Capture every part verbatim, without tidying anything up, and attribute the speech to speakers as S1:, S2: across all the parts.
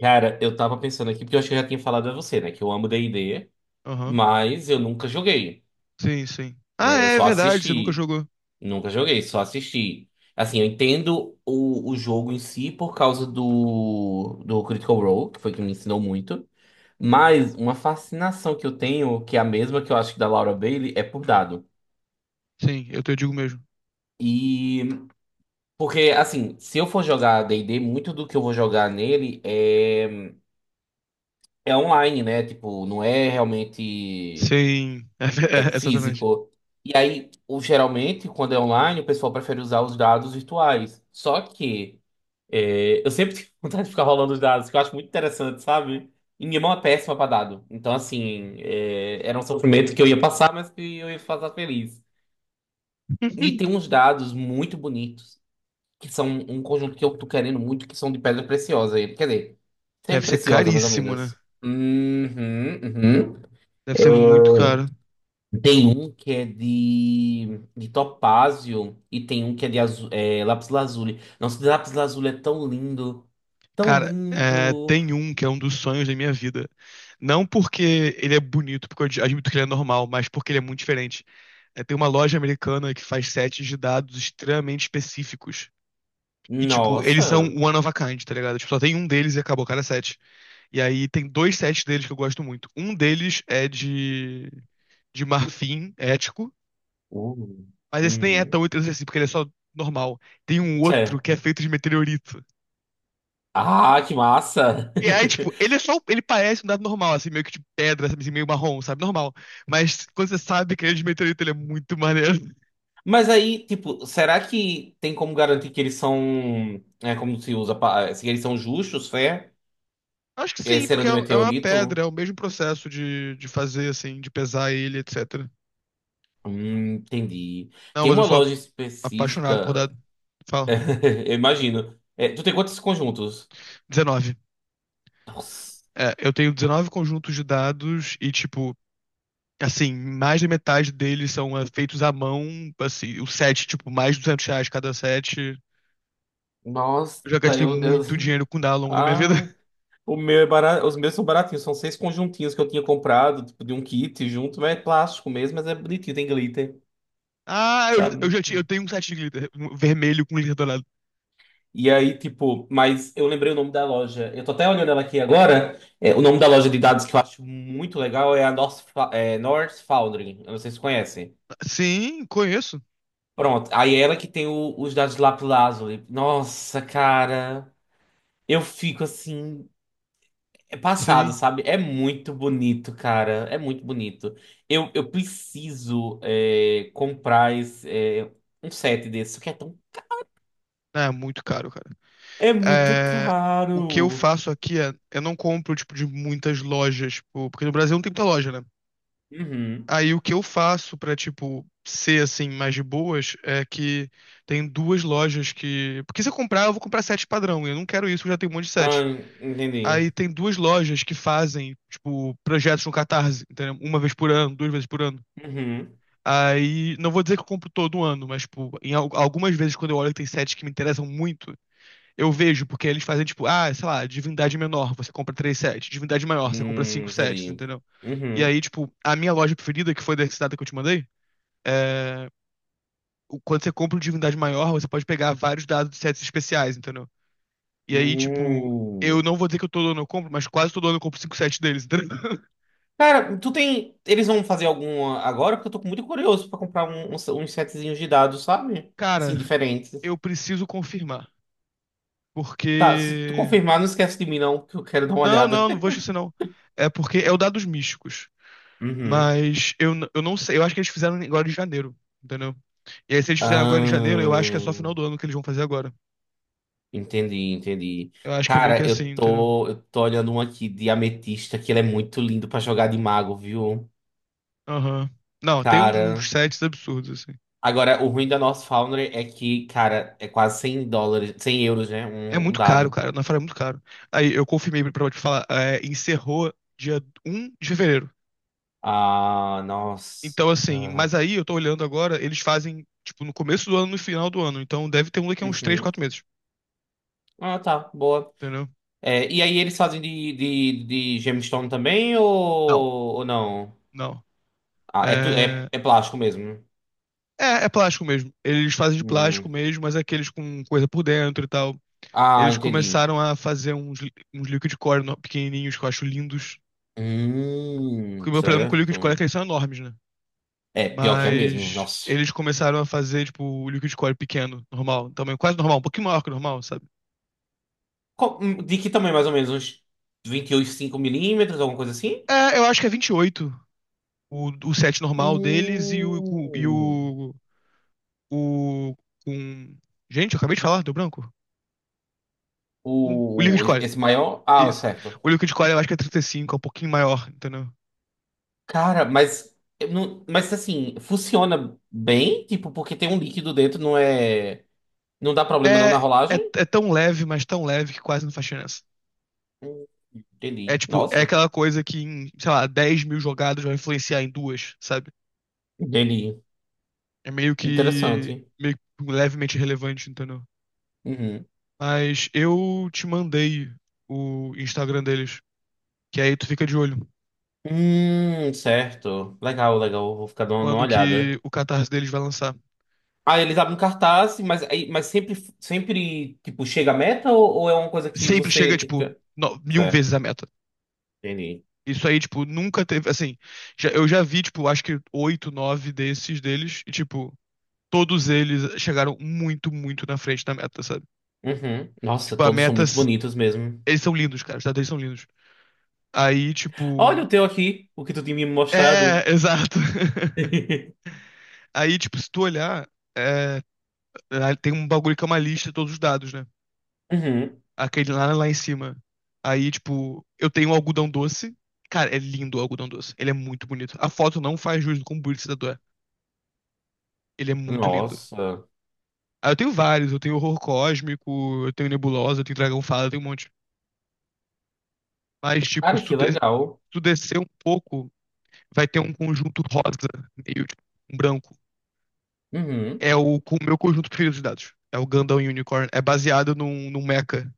S1: Cara, eu tava pensando aqui, porque eu acho que eu já tinha falado a você, né? Que eu amo D e D,
S2: Aham.
S1: mas eu nunca joguei,
S2: Sim, sim. Ah,
S1: né? Eu
S2: é é
S1: só
S2: verdade, você nunca
S1: assisti.
S2: jogou.
S1: Nunca joguei, só assisti. Assim, eu entendo o, o jogo em si por causa do, do Critical Role, que foi que me ensinou muito. Mas uma fascinação que eu tenho, que é a mesma que eu acho que da Laura Bailey, é por dado.
S2: Sim, eu te digo mesmo.
S1: E... Porque, assim, se eu for jogar D e D, muito do que eu vou jogar nele é... É online, né? Tipo, não é realmente.
S2: Sim, é, ve-
S1: É
S2: é, exatamente.
S1: físico. E aí, o- geralmente, quando é online, o pessoal prefere usar os dados virtuais. Só que é, eu sempre tenho vontade de ficar rolando os dados, que eu acho muito interessante, sabe? E minha mão é péssima para dado. Então, assim, é, era um sofrimento que eu ia passar, mas que eu ia passar feliz. E tem uns dados muito bonitos, que são um conjunto que eu tô querendo muito, que são de pedra preciosa. Quer dizer,
S2: Deve
S1: sempre
S2: ser
S1: preciosa, mais ou
S2: caríssimo, né?
S1: menos. Uhum, uhum.
S2: Deve ser muito caro.
S1: Tem um que é de, de topázio e tem um que é de azu, é, lápis lazuli. Nossa, de lápis lazuli é tão lindo. Tão
S2: Cara, é,
S1: lindo.
S2: tem um que é um dos sonhos da minha vida. Não porque ele é bonito, porque eu ad- admito que ele é normal, mas porque ele é muito diferente. É, tem uma loja americana que faz sets de dados extremamente específicos. E, tipo, eles são
S1: Nossa.
S2: one of a kind, tá ligado? Tipo, só tem um deles e acabou, cada set. E aí tem dois sets deles que eu gosto muito. Um deles é de, de marfim ético,
S1: Uh.
S2: mas esse nem é
S1: Uhum.
S2: tão interessante assim, porque ele é só normal. Tem um outro
S1: Sé.
S2: que é feito de meteorito.
S1: Ah, que massa!
S2: E aí, tipo, ele é só. Ele parece um dado normal, assim, meio que de pedra, sabe, assim, meio marrom, sabe? Normal. Mas quando você sabe que ele é de meteorito, ele é muito maneiro.
S1: Mas aí, tipo, será que tem como garantir que eles são. É como se usa. pa- é, Se eles são justos, fé?
S2: Acho que
S1: É,
S2: sim,
S1: serão
S2: porque é
S1: de
S2: é uma pedra, é
S1: meteorito?
S2: o mesmo processo de, de fazer, assim, de pesar ele, et cetera.
S1: Hum, entendi.
S2: Não,
S1: Tem
S2: mas eu
S1: uma
S2: sou
S1: loja
S2: apaixonado por
S1: específica.
S2: dados. Fala.
S1: Eu imagino. É, tu tem quantos conjuntos?
S2: dezenove.
S1: Nossa,
S2: É, eu tenho dezenove conjuntos de dados e, tipo, assim, mais da metade deles são é, feitos à mão. Assim, o set, tipo, mais de duzentos reais cada set.
S1: nossa,
S2: Eu já gastei
S1: eu, eu...
S2: muito dinheiro com dado ao longo da minha vida.
S1: Ah, o meu é barato, os meus são baratinhos, são seis conjuntinhos que eu tinha comprado, tipo, de um kit junto, mas é plástico mesmo, mas é bonitinho, tem glitter,
S2: Ah, eu já, eu
S1: sabe?
S2: já tinha, eu tenho um set de glitter um vermelho com glitter dourado.
S1: E aí, tipo, mas eu lembrei o nome da loja. Eu tô até olhando ela aqui agora. É, o nome da loja de dados que eu acho muito legal é a North, Fa- é, North Foundry. Eu não sei se conhecem.
S2: Sim, conheço.
S1: Pronto, aí é ela que tem o- os dados de lápis lazuli. Nossa, cara. Eu fico assim. É passado,
S2: Sim.
S1: sabe? É muito bonito, cara. É muito bonito. Eu, eu preciso é, comprar esse, é, um set desse, que é tão...
S2: Ah, é muito caro, cara.
S1: É muito
S2: É, o que eu
S1: caro.
S2: faço aqui é, eu não compro, tipo, de muitas lojas, tipo, porque no Brasil não tem muita loja, né?
S1: Uhum.
S2: Aí o que eu faço pra, tipo, ser assim, mais de boas, é que tem duas lojas que. Porque se eu comprar, eu vou comprar sete padrão. E eu não quero isso, eu já tenho um monte de
S1: Ah,
S2: sete.
S1: entendi.
S2: Aí tem duas lojas que fazem, tipo, projetos no Catarse, entendeu? Uma vez por ano, duas vezes por ano.
S1: Uhum.
S2: Aí, não vou dizer que eu compro todo ano, mas, tipo, em al- algumas vezes quando eu olho que tem sets que me interessam muito, eu vejo, porque eles fazem, tipo, ah, sei lá, divindade menor, você compra três sets, divindade maior, você compra cinco
S1: Hum,
S2: sets,
S1: entendi.
S2: entendeu? E
S1: Uhum.
S2: aí, tipo, a minha loja preferida, que foi da cidade que eu te mandei, é, o- quando você compra um divindade maior, você pode pegar vários dados de sets especiais, entendeu? E aí, tipo, eu
S1: Hum.
S2: não vou dizer que todo ano eu compro, mas quase todo ano eu compro cinco sets deles, entendeu?
S1: Cara, tu tem... Eles vão fazer alguma agora? Porque eu tô muito curioso pra comprar um, uns uns setzinhos de dados, sabe? Assim,
S2: Cara,
S1: diferentes.
S2: eu preciso confirmar.
S1: Tá, se tu
S2: Porque.
S1: confirmar, não esquece de mim, não, que eu quero dar uma
S2: Não,
S1: olhada.
S2: não, não vou esquecer, não. É porque é o dados místicos.
S1: Uhum.
S2: Mas eu, n- eu não sei. Eu acho que eles fizeram agora em janeiro, entendeu? E aí, se eles fizeram agora em janeiro, eu acho que é só
S1: Ah,
S2: final do ano que eles vão fazer agora.
S1: entendi, entendi.
S2: Eu acho que é meio que
S1: Cara, eu
S2: assim, entendeu?
S1: tô, eu tô olhando um aqui de ametista, que ele é muito lindo pra jogar de mago, viu?
S2: Aham. Não, tem uns, uns
S1: Cara.
S2: sets absurdos, assim.
S1: Agora, o ruim da nossa Foundry é que, cara, é quase cem dólares, cem euros, né?
S2: É
S1: Um, um
S2: muito caro,
S1: dado.
S2: cara. Na Naufrágio é muito caro. Aí eu confirmei pra te falar, é, encerrou dia um de fevereiro.
S1: Ah, nossa.
S2: Então, assim, mas aí eu tô olhando agora, eles fazem, tipo, no começo do ano e no final do ano. Então deve ter um daqui a uns três,
S1: Uhum.
S2: quatro meses.
S1: Ah, tá, boa.
S2: Entendeu?
S1: É, e aí, eles fazem de, de, de gemstone também ou,
S2: Não.
S1: ou não?
S2: Não.
S1: Ah, é, tu-
S2: É...
S1: é, é plástico mesmo. Né?
S2: é, é plástico mesmo. Eles fazem de plástico
S1: Hum.
S2: mesmo, mas é aqueles com coisa por dentro e tal.
S1: Ah,
S2: Eles
S1: entendi.
S2: começaram a fazer uns, uns liquid core no- pequenininhos que eu acho lindos. Porque
S1: Hum,
S2: o meu problema com o liquid core é
S1: certo.
S2: que eles são enormes, né?
S1: É, pior que é mesmo,
S2: Mas
S1: nossa.
S2: eles começaram a fazer, tipo, o liquid core pequeno, normal, tamanho quase normal, um pouquinho maior que o normal, sabe?
S1: Qual- hum, De que tamanho, mais ou menos? Uns vinte e oito vírgula cinco milímetros, alguma coisa assim?
S2: É, eu acho que é vinte e oito o, o set normal deles e o, o- e
S1: Hum,
S2: o, o, com... Gente, eu acabei de falar, deu branco. O, o
S1: o,
S2: liquid
S1: o-
S2: core,
S1: esse maior? Ah,
S2: isso.
S1: certo.
S2: O liquid core eu acho que é trinta e cinco, é um pouquinho maior, entendeu?
S1: Cara, mas, eu não, mas assim, funciona bem? Tipo, porque tem um líquido dentro, não é... Não dá problema não
S2: É,
S1: na
S2: é,
S1: rolagem?
S2: é tão leve, mas tão leve que quase não faz diferença.
S1: Hum,
S2: É
S1: Entendi.
S2: tipo, é
S1: Nossa,
S2: aquela coisa que em, sei lá, dez mil jogadas vai influenciar em duas, sabe?
S1: entendi.
S2: É meio que,
S1: Interessante.
S2: meio que levemente relevante, entendeu?
S1: Uhum.
S2: Mas eu te mandei o Instagram deles, que aí tu fica de olho
S1: Hum, certo. Legal, legal. Vou ficar dando uma
S2: quando que
S1: olhada.
S2: o Catarse deles vai lançar.
S1: Ah, eles abrem um cartaz, mas, aí- mas sempre, sempre, tipo, chega a meta ou, ou é uma coisa que
S2: Sempre chega,
S1: você tem
S2: tipo,
S1: que...
S2: no- mil
S1: Certo,
S2: vezes a meta.
S1: entendi.
S2: Isso aí, tipo, nunca teve, assim, já- eu já vi, tipo, acho que oito, nove desses deles, e, tipo, todos eles chegaram muito, muito na frente da meta, sabe?
S1: Uhum. Nossa,
S2: Tipo, a
S1: todos são
S2: meta,
S1: muito bonitos mesmo.
S2: eles são lindos, cara, os dados deles são lindos. Aí,
S1: Olha
S2: tipo,
S1: o teu aqui, o que tu tinha me mostrado.
S2: é, exato. Aí, tipo, se tu olhar, é, lá tem um bagulho que é uma lista de todos os dados, né?
S1: Uhum.
S2: Aquele lá, lá em cima. Aí, tipo, eu tenho um algodão doce. Cara, é lindo o algodão doce. Ele é muito bonito. A foto não faz jus do quão bonito esse tatu é. Ele é muito lindo.
S1: Nossa.
S2: Aí eu tenho vários. Eu tenho horror cósmico, eu tenho nebulosa, eu tenho dragão fada, eu tenho um monte. Mas, tipo,
S1: Cara,
S2: se tu,
S1: que
S2: de- se
S1: legal.
S2: tu descer um pouco, vai ter um conjunto rosa, meio tipo, um branco.
S1: Uhum.
S2: É o, com o meu conjunto preferido de dados. É o Gundam Unicorn. É baseado num, num mecha.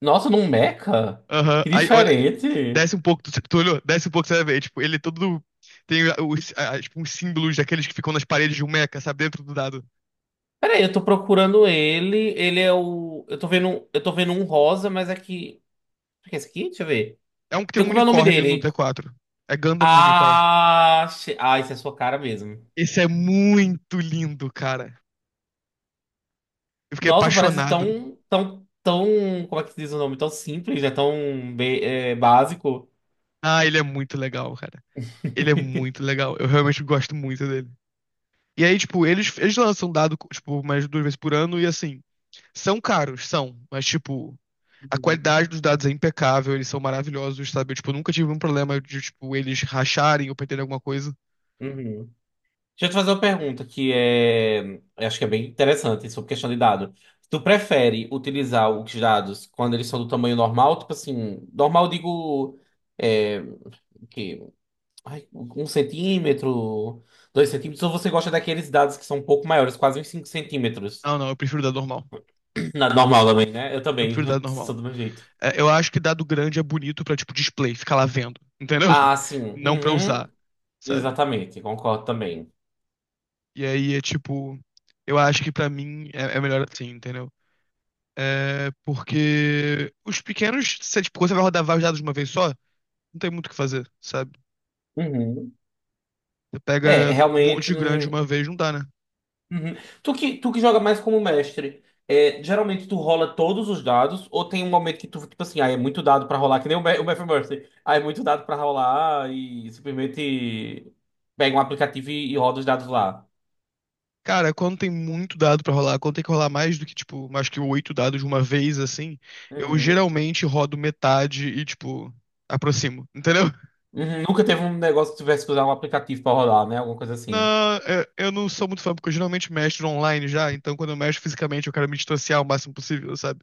S1: Nossa, num Mecha?
S2: Aham.
S1: Que
S2: Aí, olha,
S1: diferente.
S2: desce um pouco, tu, tu olhou? Desce um pouco, você vai ver. Tipo, ele é todo. Tem os, a- tipo, uns símbolos daqueles que ficam nas paredes de um mecha, sabe? Dentro do dado.
S1: Peraí, eu tô procurando ele. Ele é o. Eu tô vendo, eu tô vendo um rosa, mas é que. O que é esse aqui? Deixa eu ver.
S2: É um que tem
S1: Tem
S2: um
S1: como é o nome
S2: unicórnio no
S1: dele?
S2: D quatro. É Gundam Unicorn.
S1: Ah, che- ah, isso é sua cara mesmo.
S2: Esse é muito lindo, cara. Eu fiquei
S1: Nossa, parece
S2: apaixonado.
S1: tão, tão, tão, como é que se diz o nome? Tão simples, né? Tão be- é, básico.
S2: Ah, ele é muito legal, cara. Ele é muito legal. Eu realmente gosto muito dele. E aí, tipo, eles, eles lançam um dado, tipo, mais duas vezes por ano e assim. São caros, são. Mas, tipo, a
S1: Uhum.
S2: qualidade dos dados é impecável, eles são maravilhosos, sabe? Eu, tipo, nunca tive um problema de, tipo, eles racharem ou perderem alguma coisa.
S1: Uhum. Deixa eu te fazer uma pergunta que é, eu acho que é bem interessante sobre questão de dado. Tu prefere utilizar os dados quando eles são do tamanho normal, tipo assim, normal eu digo é, o quê? Ai, um centímetro, dois centímetros, ou você gosta daqueles dados que são um pouco maiores, quase uns cinco centímetros?
S2: Não, não, eu prefiro dado normal.
S1: Nada normal também, né? Eu
S2: Eu
S1: também,
S2: prefiro dado
S1: eu sou
S2: normal.
S1: do meu jeito.
S2: É, eu acho que dado grande é bonito pra, tipo, display, ficar lá vendo, entendeu?
S1: Ah, sim.
S2: Não pra usar,
S1: Uhum.
S2: sabe?
S1: Exatamente, concordo também.
S2: E aí é, tipo, eu acho que pra mim é, é melhor assim, entendeu? É porque os pequenos, você, tipo, quando você vai rodar vários dados de uma vez só, não tem muito o que fazer, sabe?
S1: Uhum.
S2: Você
S1: É,
S2: pega um monte
S1: realmente
S2: de grande de
S1: não.
S2: uma vez, não dá, né?
S1: Uhum. Tu que, tu que joga mais como mestre, é, geralmente tu rola todos os dados, ou tem um momento que tu, tipo assim, ah, é muito dado pra rolar, que nem o, Ma- o Matthew Mercy. Ah, é muito dado pra rolar e simplesmente pega um aplicativo e, e roda os dados lá.
S2: Cara, quando tem muito dado pra rolar, quando tem que rolar mais do que, tipo, mais que oito dados de uma vez, assim, eu
S1: Uhum.
S2: geralmente rodo metade e, tipo, aproximo, entendeu?
S1: Uhum. Nunca teve um negócio que tivesse que usar um aplicativo pra rolar né? Alguma coisa assim.
S2: Não, eu, eu não sou muito fã, porque eu geralmente mestro online já, então quando eu mestro fisicamente eu quero me distanciar o máximo possível, sabe?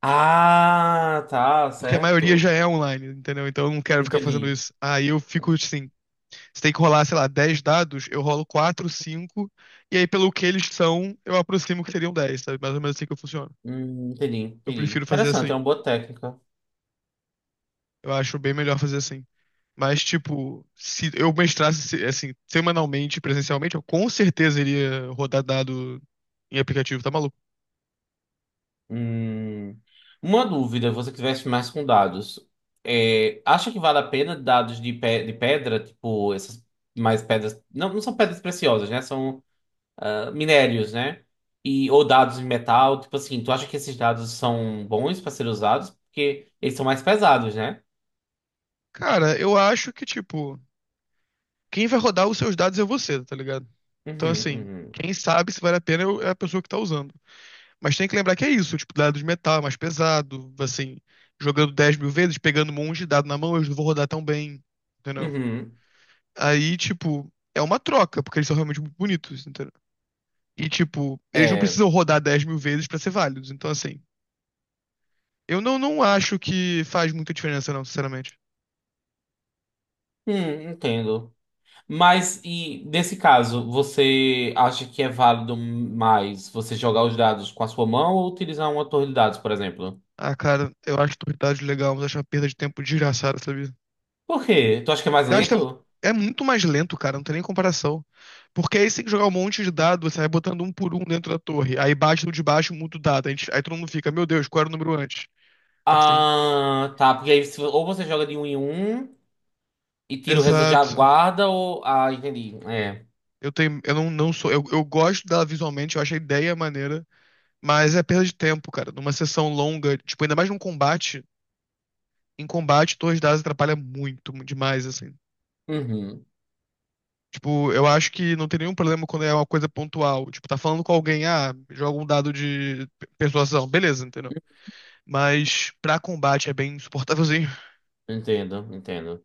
S1: Ah, tá,
S2: Porque a maioria
S1: certo.
S2: já é online, entendeu? Então eu não quero ficar fazendo
S1: Entendi.
S2: isso. Aí eu fico assim, se tem que rolar, sei lá, dez dados, eu rolo quatro, cinco e aí pelo que eles são, eu aproximo que seriam dez, sabe? Mais ou menos assim que eu funciono.
S1: Hum, entendi,
S2: Eu
S1: entendi.
S2: prefiro fazer
S1: Interessante, é
S2: assim.
S1: uma boa técnica.
S2: Eu acho bem melhor fazer assim. Mas, tipo, se eu mestrasse se- assim, semanalmente, presencialmente, eu com certeza iria rodar dado em aplicativo, tá maluco?
S1: Hum, uma dúvida, você que tivesse mais com dados, é, acha que vale a pena dados de, pe de pedra, tipo essas mais pedras, não, não são pedras preciosas, né? São ah, minérios, né? E ou dados em metal, tipo assim, tu acha que esses dados são bons para ser usados porque eles são mais pesados, né?
S2: Cara, eu acho que, tipo, quem vai rodar os seus dados é você, tá ligado? Então,
S1: Uhum,
S2: assim,
S1: uhum,
S2: quem sabe se vale a pena é é a pessoa que tá usando. Mas tem que lembrar que é isso, tipo, dado de metal, é mais pesado, assim, jogando dez mil vezes, pegando um monte de dado na mão, eu não vou rodar tão bem, entendeu?
S1: uhum.
S2: Aí, tipo, é uma troca, porque eles são realmente muito bonitos, entendeu? E, tipo, eles não
S1: É,
S2: precisam rodar dez mil vezes pra ser válidos. Então, assim, eu não, não acho que faz muita diferença, não, sinceramente.
S1: hum, entendo. Mas e nesse caso, você acha que é válido mais você jogar os dados com a sua mão ou utilizar uma torre de dados, por exemplo?
S2: Ah, cara, eu acho Torridade legal, mas acho uma perda de tempo desgraçada, sabe?
S1: Por quê? Tu acha que é mais
S2: Gasta.
S1: lento?
S2: É muito mais lento, cara, não tem nem comparação. Porque aí você tem que jogar um monte de dado, você vai botando um por um dentro da torre. Aí bate no de baixo, muda o dado. Aí, a gente- aí todo mundo fica, meu Deus, qual era o número antes? Assim,
S1: Ah, tá. Porque aí se- ou você joga de um em um e tira o resultado, já
S2: exato.
S1: guarda, ou. Ah, entendi. É.
S2: Eu tenho. Eu não, não sou. Eu, eu gosto dela visualmente, eu acho a ideia maneira. Mas é perda de tempo, cara. Numa sessão longa, tipo, ainda mais num combate. Em combate, torres dadas atrapalha muito, mu- demais, assim.
S1: Uhum.
S2: Tipo, eu acho que não tem nenhum problema quando é uma coisa pontual. Tipo, tá falando com alguém, ah, joga um dado de pe- persuasão. Beleza, entendeu? Mas pra combate é bem insuportávelzinho.
S1: Entendo, entendo.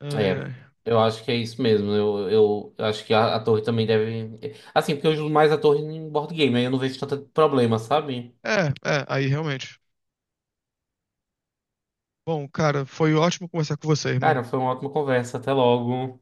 S2: Ai,
S1: É.
S2: ai.
S1: Eu acho que é isso mesmo. Eu, eu, eu acho que a, a torre também deve. Assim, porque eu uso mais a torre em board game, aí eu não vejo tanto problema, sabe?
S2: É, é, aí realmente. Bom, cara, foi ótimo conversar com você,
S1: Cara,
S2: irmão.
S1: foi uma ótima conversa. Até logo.